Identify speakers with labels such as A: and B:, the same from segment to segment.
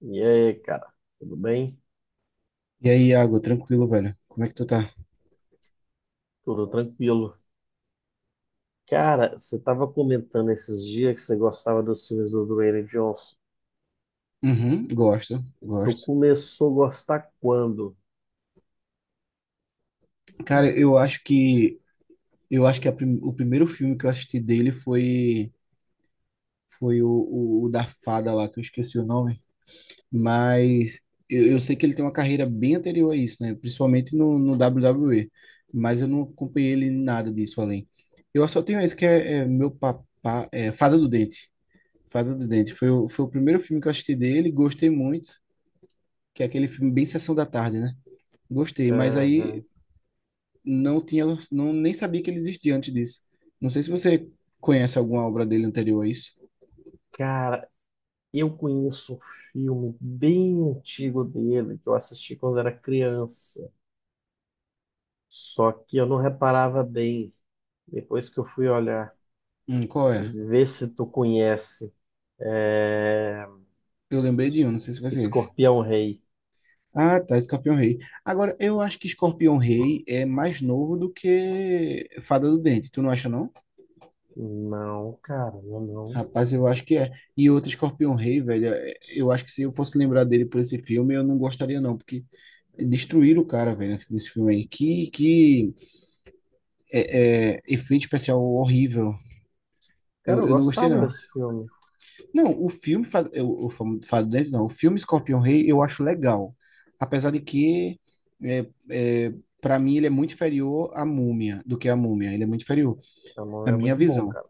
A: E aí, cara, tudo bem?
B: E aí, Iago, tranquilo, velho? Como é que tu tá?
A: Tudo tranquilo. Cara, você tava comentando esses dias que você gostava dos filmes do Dwayne Johnson.
B: Uhum, gosto,
A: Tu
B: gosto.
A: começou a gostar quando?
B: Cara, eu acho que o primeiro filme que eu assisti dele foi o da fada lá, que eu esqueci o nome, mas eu sei que ele tem uma carreira bem anterior a isso, né? Principalmente no WWE, mas eu não acompanhei ele em nada disso além. Eu só tenho esse que é meu papá, é Fada do Dente. Fada do Dente foi o primeiro filme que eu assisti dele, gostei muito, que é aquele filme bem Sessão da Tarde, né? Gostei, mas aí
A: Aham.
B: não tinha, não, nem sabia que ele existia antes disso. Não sei se você conhece alguma obra dele anterior a isso.
A: Cara, eu conheço um filme bem antigo dele que eu assisti quando era criança. Só que eu não reparava bem. Depois que eu fui olhar,
B: Qual é?
A: vê se tu conhece. É...
B: Eu lembrei de um, não sei se vai ser esse.
A: Escorpião Rei.
B: Ah, tá, Escorpião Rei. Agora, eu acho que Escorpião Rei é mais novo do que Fada do Dente, tu não acha, não?
A: Não, cara, não, não.
B: Rapaz, eu acho que é. E outro Escorpião Rei, velho, eu acho que se eu fosse lembrar dele por esse filme, eu não gostaria, não, porque destruíram o cara, velho, nesse filme aí. Que é efeito especial horrível.
A: Cara,
B: Eu,
A: eu
B: eu não gostei,
A: gostava
B: não.
A: desse filme.
B: Não, o filme, Fado Dente, não, o filme Escorpião Rei eu acho legal. Apesar de que, é, é, para mim, ele é muito inferior à Múmia, do que a Múmia. Ele é muito inferior,
A: Tamão
B: na
A: é
B: minha
A: muito bom,
B: visão.
A: cara.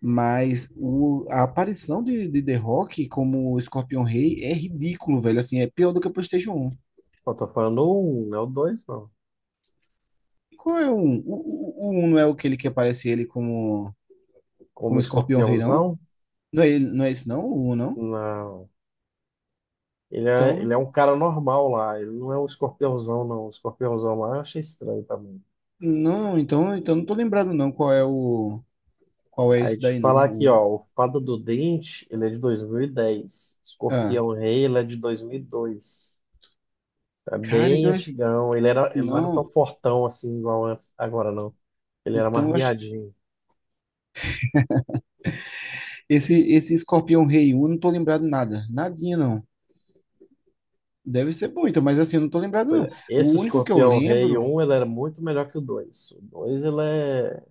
B: Mas a aparição de The Rock como Escorpião Rei é ridículo, velho. Assim, é pior do que o PlayStation Um.
A: Eu tô falando um, não é o dois, não.
B: Qual é o 1? O 1 não é o que ele que aparece ele como,
A: Como
B: como Escorpião Rei, não?
A: escorpiãozão?
B: Não é, não é esse, não? O 1, não?
A: Não. Ele é,
B: Então,
A: ele é um cara normal lá. Ele não é um escorpiãozão, não. O escorpiãozão lá eu achei estranho também.
B: não, então não tô lembrado, não, qual é o. Qual é
A: Aí
B: esse
A: te
B: daí, não?
A: falar aqui,
B: Um.
A: ó. O Fada do Dente, ele é de 2010.
B: Ah,
A: Escorpião Rei, ele é de 2002. É
B: cara,
A: bem
B: então esse.
A: antigão. Ele era, ele não era tão
B: Não,
A: fortão assim igual antes. Agora não. Ele era mais
B: então eu acho.
A: miadinho.
B: Esse Escorpião Rei um. Eu não tô lembrado nada. Nadinha, não. Deve ser bom, então, mas assim, eu não tô lembrado,
A: Pois
B: não.
A: é, esse
B: O único que eu
A: Escorpião Rei
B: lembro.
A: um ele era muito melhor que o dois. O 2 ele é...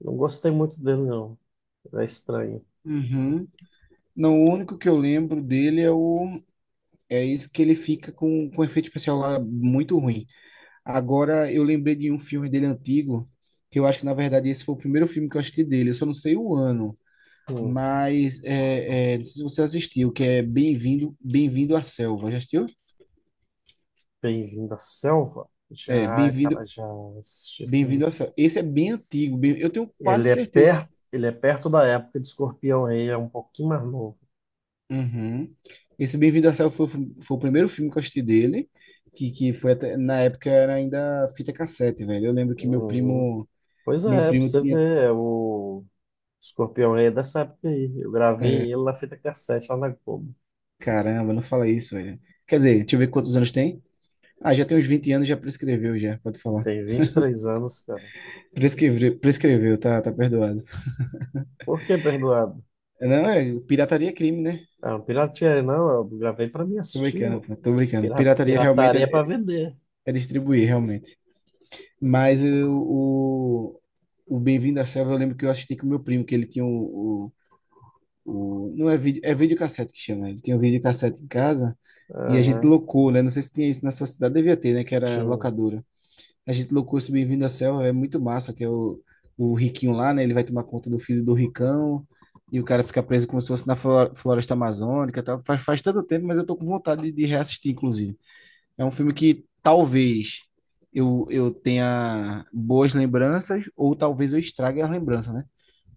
A: Não gostei muito dele, não. Ele é estranho.
B: Uhum. Não, o único que eu lembro dele é o. É esse que ele fica com efeito especial lá muito ruim. Agora, eu lembrei de um filme dele antigo, que eu acho que, na verdade, esse foi o primeiro filme que eu assisti dele. Eu só não sei o ano.
A: Hum,
B: Mas não sei se você assistiu, que é Bem-vindo à Selva. Já assistiu?
A: Bem-vindo à Selva?
B: É,
A: Já, cara,
B: Bem-vindo,
A: já assisti assim.
B: Bem-vindo à Selva. Esse é bem antigo, eu tenho quase
A: Ele é
B: certeza.
A: perto, ele é perto da época de Escorpião Rei, é um pouquinho mais novo.
B: Uhum. Esse Bem-vindo à Selva foi o primeiro filme que eu assisti dele, que foi até, na época era ainda fita cassete, velho. Eu lembro que meu
A: Uhum.
B: primo,
A: Pois
B: meu
A: é, pra
B: primo
A: você
B: tinha,
A: ver, é o Escorpião Rei é dessa época aí. Eu
B: é,
A: gravei ele na fita cassete lá na Globo.
B: caramba, não fala isso, velho. Quer dizer, deixa eu ver quantos anos tem. Ah, já tem uns 20 anos, já prescreveu, já, pode falar.
A: Tem 23 anos, cara.
B: Prescreveu, prescreveu, tá, tá perdoado.
A: Por que perdoado?
B: Não, pirataria é crime, né?
A: Ah, não pirateei, não. Eu gravei pra mim
B: Tô
A: assistir.
B: brincando, pô, tô brincando.
A: Pira-
B: Pirataria realmente
A: Pirataria é pra vender.
B: é distribuir, realmente. Mas o Bem-vindo à Selva, eu lembro que eu assisti com meu primo, que ele tinha não é vídeo, é videocassete que chama. Ele tinha um videocassete em casa e a gente
A: Aham,
B: locou, né? Não sei se tinha isso na sua cidade, devia ter, né? Que era
A: tinha.
B: locadora. A gente locou esse Bem-vindo à Selva, é muito massa, que é o riquinho lá, né? Ele vai tomar conta do filho do ricão e o cara fica preso como se fosse na floresta amazônica, e tal. Faz tanto tempo, mas eu tô com vontade de reassistir, inclusive. É um filme que talvez eu tenha boas lembranças ou talvez eu estrague as lembranças, né?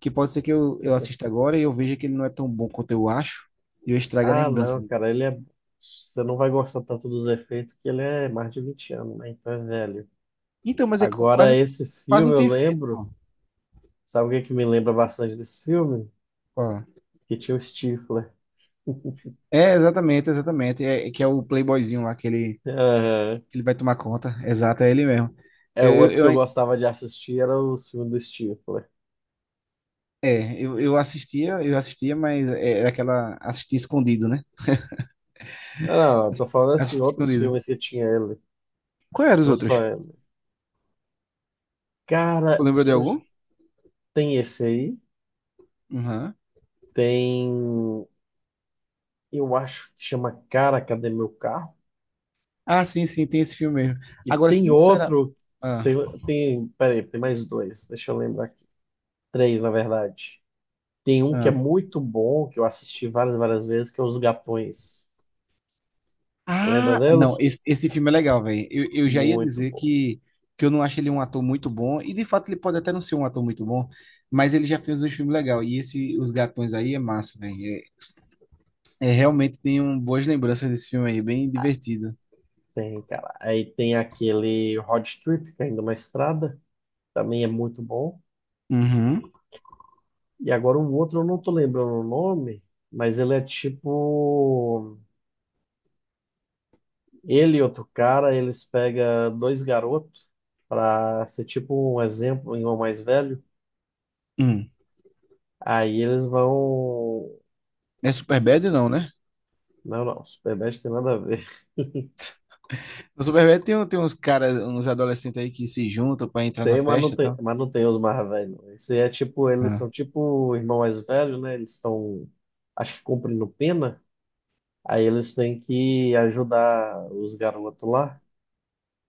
B: Que pode ser que eu assista agora e eu veja que ele não é tão bom quanto eu acho e eu estrague a
A: Ah,
B: lembrança
A: não,
B: dele.
A: cara, ele é. Você não vai gostar tanto dos efeitos, que ele é mais de 20 anos, né? Então é velho.
B: Então, mas
A: Agora,
B: quase,
A: esse
B: quase
A: filme
B: não
A: eu
B: tem efeito,
A: lembro.
B: pô.
A: Sabe o que é que me lembra bastante desse filme?
B: Pô.
A: Que tinha o Stifler.
B: É, exatamente, exatamente. É que é o playboyzinho lá que ele,
A: Aham.
B: que ele vai tomar conta. Exato, é ele mesmo.
A: É outro que eu
B: Eu-
A: gostava de assistir, era o filme do Stifler.
B: é, eu assistia, mas era aquela. Assistia escondido, né?
A: Não, não, eu tô falando assim,
B: Assistia
A: outros
B: escondido.
A: filmes que tinha ele,
B: Qual eram os
A: não só
B: outros?
A: ele.
B: Tu
A: Cara,
B: lembra de
A: eu
B: algum?
A: tem esse aí,
B: Uhum.
A: tem. Eu acho que chama Cara, Cadê Meu Carro?
B: Ah, sim, sim, tem esse filme mesmo.
A: E
B: Agora,
A: tem
B: sincera.
A: outro.
B: Ah,
A: Tem, tem, peraí, tem mais dois. Deixa eu lembrar aqui. Três, na verdade. Tem um que é
B: ah.
A: muito bom, que eu assisti várias, várias vezes, que é Os Gatões. Lembra
B: Ah, não,
A: dele?
B: esse filme é legal, velho. Eu já ia
A: Muito
B: dizer
A: bom.
B: que eu não acho ele um ator muito bom, e de fato ele pode até não ser um ator muito bom, mas ele já fez um filme legal. E esse Os Gatões aí é massa, velho. Realmente tem um, boas lembranças desse filme aí, bem divertido.
A: Tem, cara. Aí tem aquele Road Trip, caindo ainda é uma estrada. Também é muito bom.
B: Uhum.
A: E agora um outro, eu não tô lembrando o nome, mas ele é tipo. Ele e outro cara, eles pegam dois garotos para ser tipo um exemplo em um irmão mais velho.
B: Hum.
A: Aí eles vão.
B: É Superbad, não, né?
A: Não, não, Superbad tem nada a ver.
B: No Superbad tem uns caras, uns adolescentes aí que se juntam pra entrar na
A: Tem, mas não
B: festa e
A: tem,
B: tal.
A: mas não tem os mais velhos. Não. Esse é tipo, eles são
B: Ah.
A: tipo o irmão mais velho, né? Eles estão, acho que cumprindo pena. Aí eles têm que ajudar os garotos lá.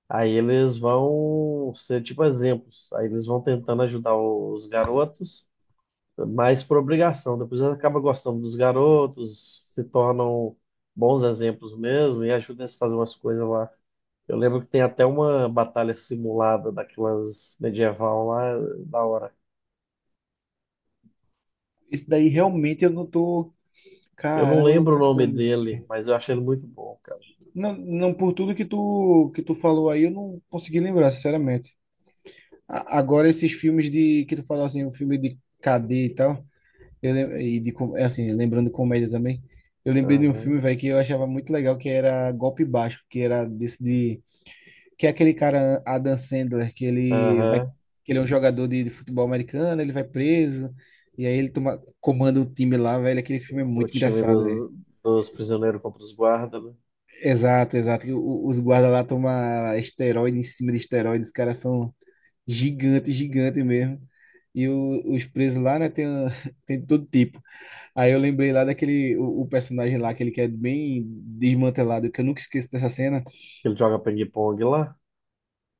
A: Aí eles vão ser tipo exemplos. Aí eles vão tentando ajudar os garotos, mas por obrigação. Depois eles acabam gostando dos garotos, se tornam bons exemplos mesmo e ajudam eles a fazer umas coisas lá. Eu lembro que tem até uma batalha simulada daquelas medieval lá, da hora.
B: Esse daí realmente eu não tô.
A: Eu não
B: Caramba, eu não
A: lembro o
B: tô
A: nome
B: lembrando disso
A: dele,
B: aqui.
A: mas eu achei ele muito bom, cara.
B: Não, não por tudo que tu falou aí, eu não consegui lembrar, sinceramente. Agora esses filmes de que tu falou assim, o filme de cadê e tal, eu lem- e de com- é assim, lembrando comédia também. Eu lembrei de um filme,
A: Aham,
B: velho, que eu achava muito legal, que era Golpe Baixo, que era desse de que é aquele cara Adam Sandler,
A: aham.
B: que ele é um jogador de futebol americano, ele vai preso e aí ele toma comanda o time lá, velho, aquele filme é
A: O
B: muito
A: time
B: engraçado.
A: dos, dos prisioneiros contra os guardas, né?
B: Exato, exato. Os guardas lá tomam esteroide em cima de esteroide, os caras são gigantes, gigantes mesmo. E os presos lá, né, tem, tem de todo tipo. Aí eu lembrei lá daquele, o personagem lá, aquele que é bem desmantelado, que eu nunca esqueço dessa cena.
A: Ele joga ping-pong lá.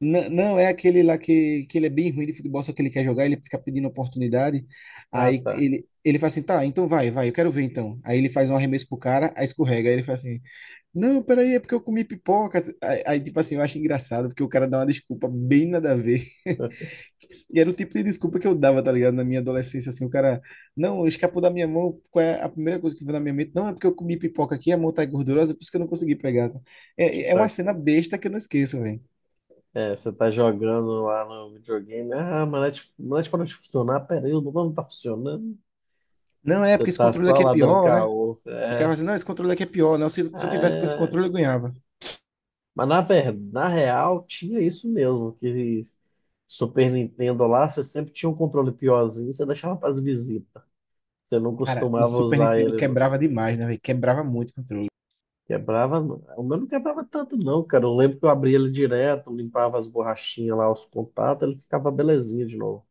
B: N não, é aquele lá que ele é bem ruim de futebol, só que ele quer jogar, ele fica pedindo oportunidade.
A: Ah,
B: Aí
A: tá.
B: ele faz assim, tá, então vai, vai, eu quero ver então. Aí ele faz um arremesso pro cara, aí escorrega. Aí ele faz assim, não, peraí, é porque eu comi pipoca. Aí, tipo assim, eu acho engraçado, porque o cara dá uma desculpa bem nada a ver. E era o tipo de desculpa que eu dava, tá ligado? Na minha adolescência, assim, o cara, não, escapou da minha mão, qual é a primeira coisa que veio na minha mente? Não, é porque eu comi pipoca aqui, a mão tá gordurosa, por isso que eu não consegui pegar. É
A: Tipo,
B: uma
A: é,
B: cena besta que eu não esqueço, velho.
A: você tá jogando lá no videogame. Ah, mas não é de- não é de- para de funcionar. Pera aí, o botão não tá funcionando.
B: Não, é
A: Você
B: porque esse
A: tá
B: controle
A: só
B: aqui é
A: lá dando
B: pior, né?
A: caô.
B: O cara fala
A: É.
B: assim, não, esse controle aqui é pior, não, se eu
A: Ah,
B: tivesse com esse
A: é.
B: controle eu ganhava.
A: Mas na verdade, na real, tinha isso mesmo, que Super Nintendo lá, você sempre tinha um controle piorzinho, você deixava para as visitas. Você não
B: Cara, o
A: costumava
B: Super
A: usar
B: Nintendo
A: ele, não.
B: quebrava demais, né, velho? Quebrava muito o controle.
A: Quebrava, não. O meu não quebrava tanto, não, cara. Eu lembro que eu abria ele direto, limpava as borrachinhas lá, os contatos, ele ficava belezinha de novo.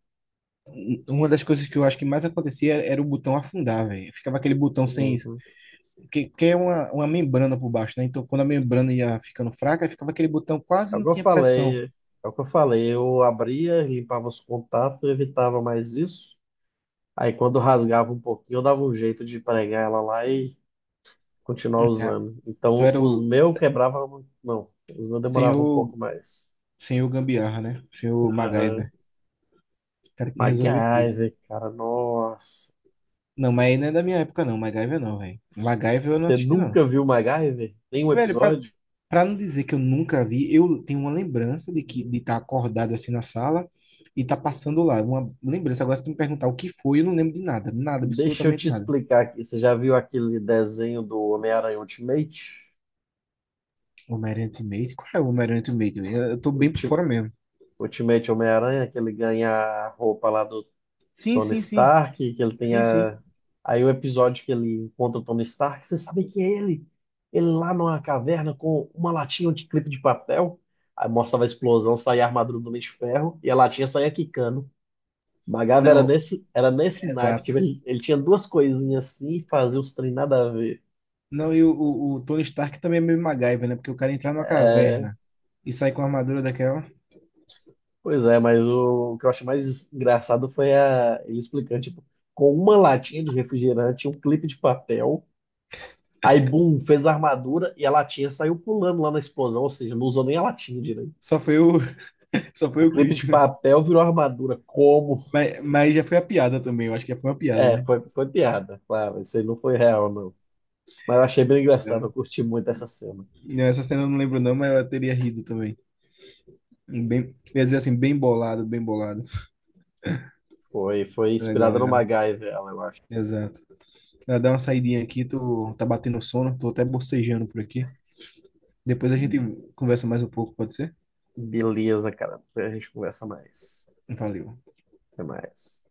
B: Uma das coisas que eu acho que mais acontecia era o botão afundar, velho. Ficava aquele botão sem.
A: Uhum.
B: Que é uma membrana por baixo, né? Então, quando a membrana ia ficando fraca, ficava aquele botão
A: É
B: quase
A: o
B: não
A: que eu
B: tinha pressão.
A: falei, é o que eu falei. Eu abria, limpava os contatos, eu evitava mais isso. Aí quando rasgava um pouquinho, eu dava um jeito de pregar ela lá e continuar
B: Cara,
A: usando.
B: tu
A: Então
B: era o
A: os meus quebravam, muito, não, os meus demoravam um
B: senhor,
A: pouco mais.
B: senhor Gambiarra, né? Senhor
A: Aham.
B: MacGyver. O cara que resolvia tudo.
A: MacGyver, cara, nossa.
B: Não, mas aí não é da minha época, não. MacGyver não, velho. MacGyver eu não
A: Você
B: assisti, não.
A: nunca viu MacGyver? Nenhum
B: Velho,
A: episódio?
B: para não dizer que eu nunca vi, eu tenho uma lembrança de que de estar acordado assim na sala e estar passando lá. Uma lembrança. Agora, se tu me perguntar o que foi, eu não lembro de nada. Nada,
A: Deixa eu
B: absolutamente
A: te
B: nada.
A: explicar aqui. Você já viu aquele desenho do Homem-Aranha Ultimate?
B: Homem-Aranha Ultimate? Qual é o Homem-Aranha Ultimate? Eu tô bem por
A: Ulti-
B: fora mesmo.
A: Ultimate Homem-Aranha, que ele ganha a roupa lá do
B: Sim,
A: Tony
B: sim, sim.
A: Stark, que ele tem
B: Sim, sim.
A: a... Aí o episódio que ele encontra o Tony Stark, você sabe que é ele? Ele lá numa caverna com uma latinha de clipe de papel, aí mostrava a explosão, saía a armadura do Homem de Ferro, e a latinha saía quicando. Magava era
B: Não,
A: nesse, era nesse naipe, que
B: exato.
A: ele tinha duas coisinhas assim e fazia uns trem nada a ver.
B: Não, e o Tony Stark também é meio MacGyver, né? Porque o cara entrar numa caverna e sair com a armadura daquela.
A: Pois é, mas o que eu acho mais engraçado foi a, ele explicando, tipo, com uma latinha de refrigerante, um clipe de papel, aí, bum, fez a armadura e a latinha saiu pulando lá na explosão, ou seja, não usou nem a latinha direito.
B: Só foi o, só
A: O
B: foi o
A: clipe de
B: clipe, né?
A: papel virou armadura. Como?
B: Mas já foi a piada também. Eu acho que já foi uma piada,
A: É,
B: né?
A: foi piada, claro, isso aí não foi real, não. Mas eu achei bem engraçado, eu curti muito essa cena.
B: Não, essa cena eu não lembro não, mas eu teria rido também. Um Bem, quer dizer assim, bem bolado, bem bolado.
A: Foi
B: Legal,
A: inspirada no
B: legal.
A: MacGyver, ela, eu acho.
B: Exato. Ela dá uma saidinha aqui, tá batendo sono, tô até bocejando por aqui. Depois a gente conversa mais um pouco, pode ser?
A: Beleza, cara. Depois a gente conversa mais.
B: Valeu.
A: Até mais.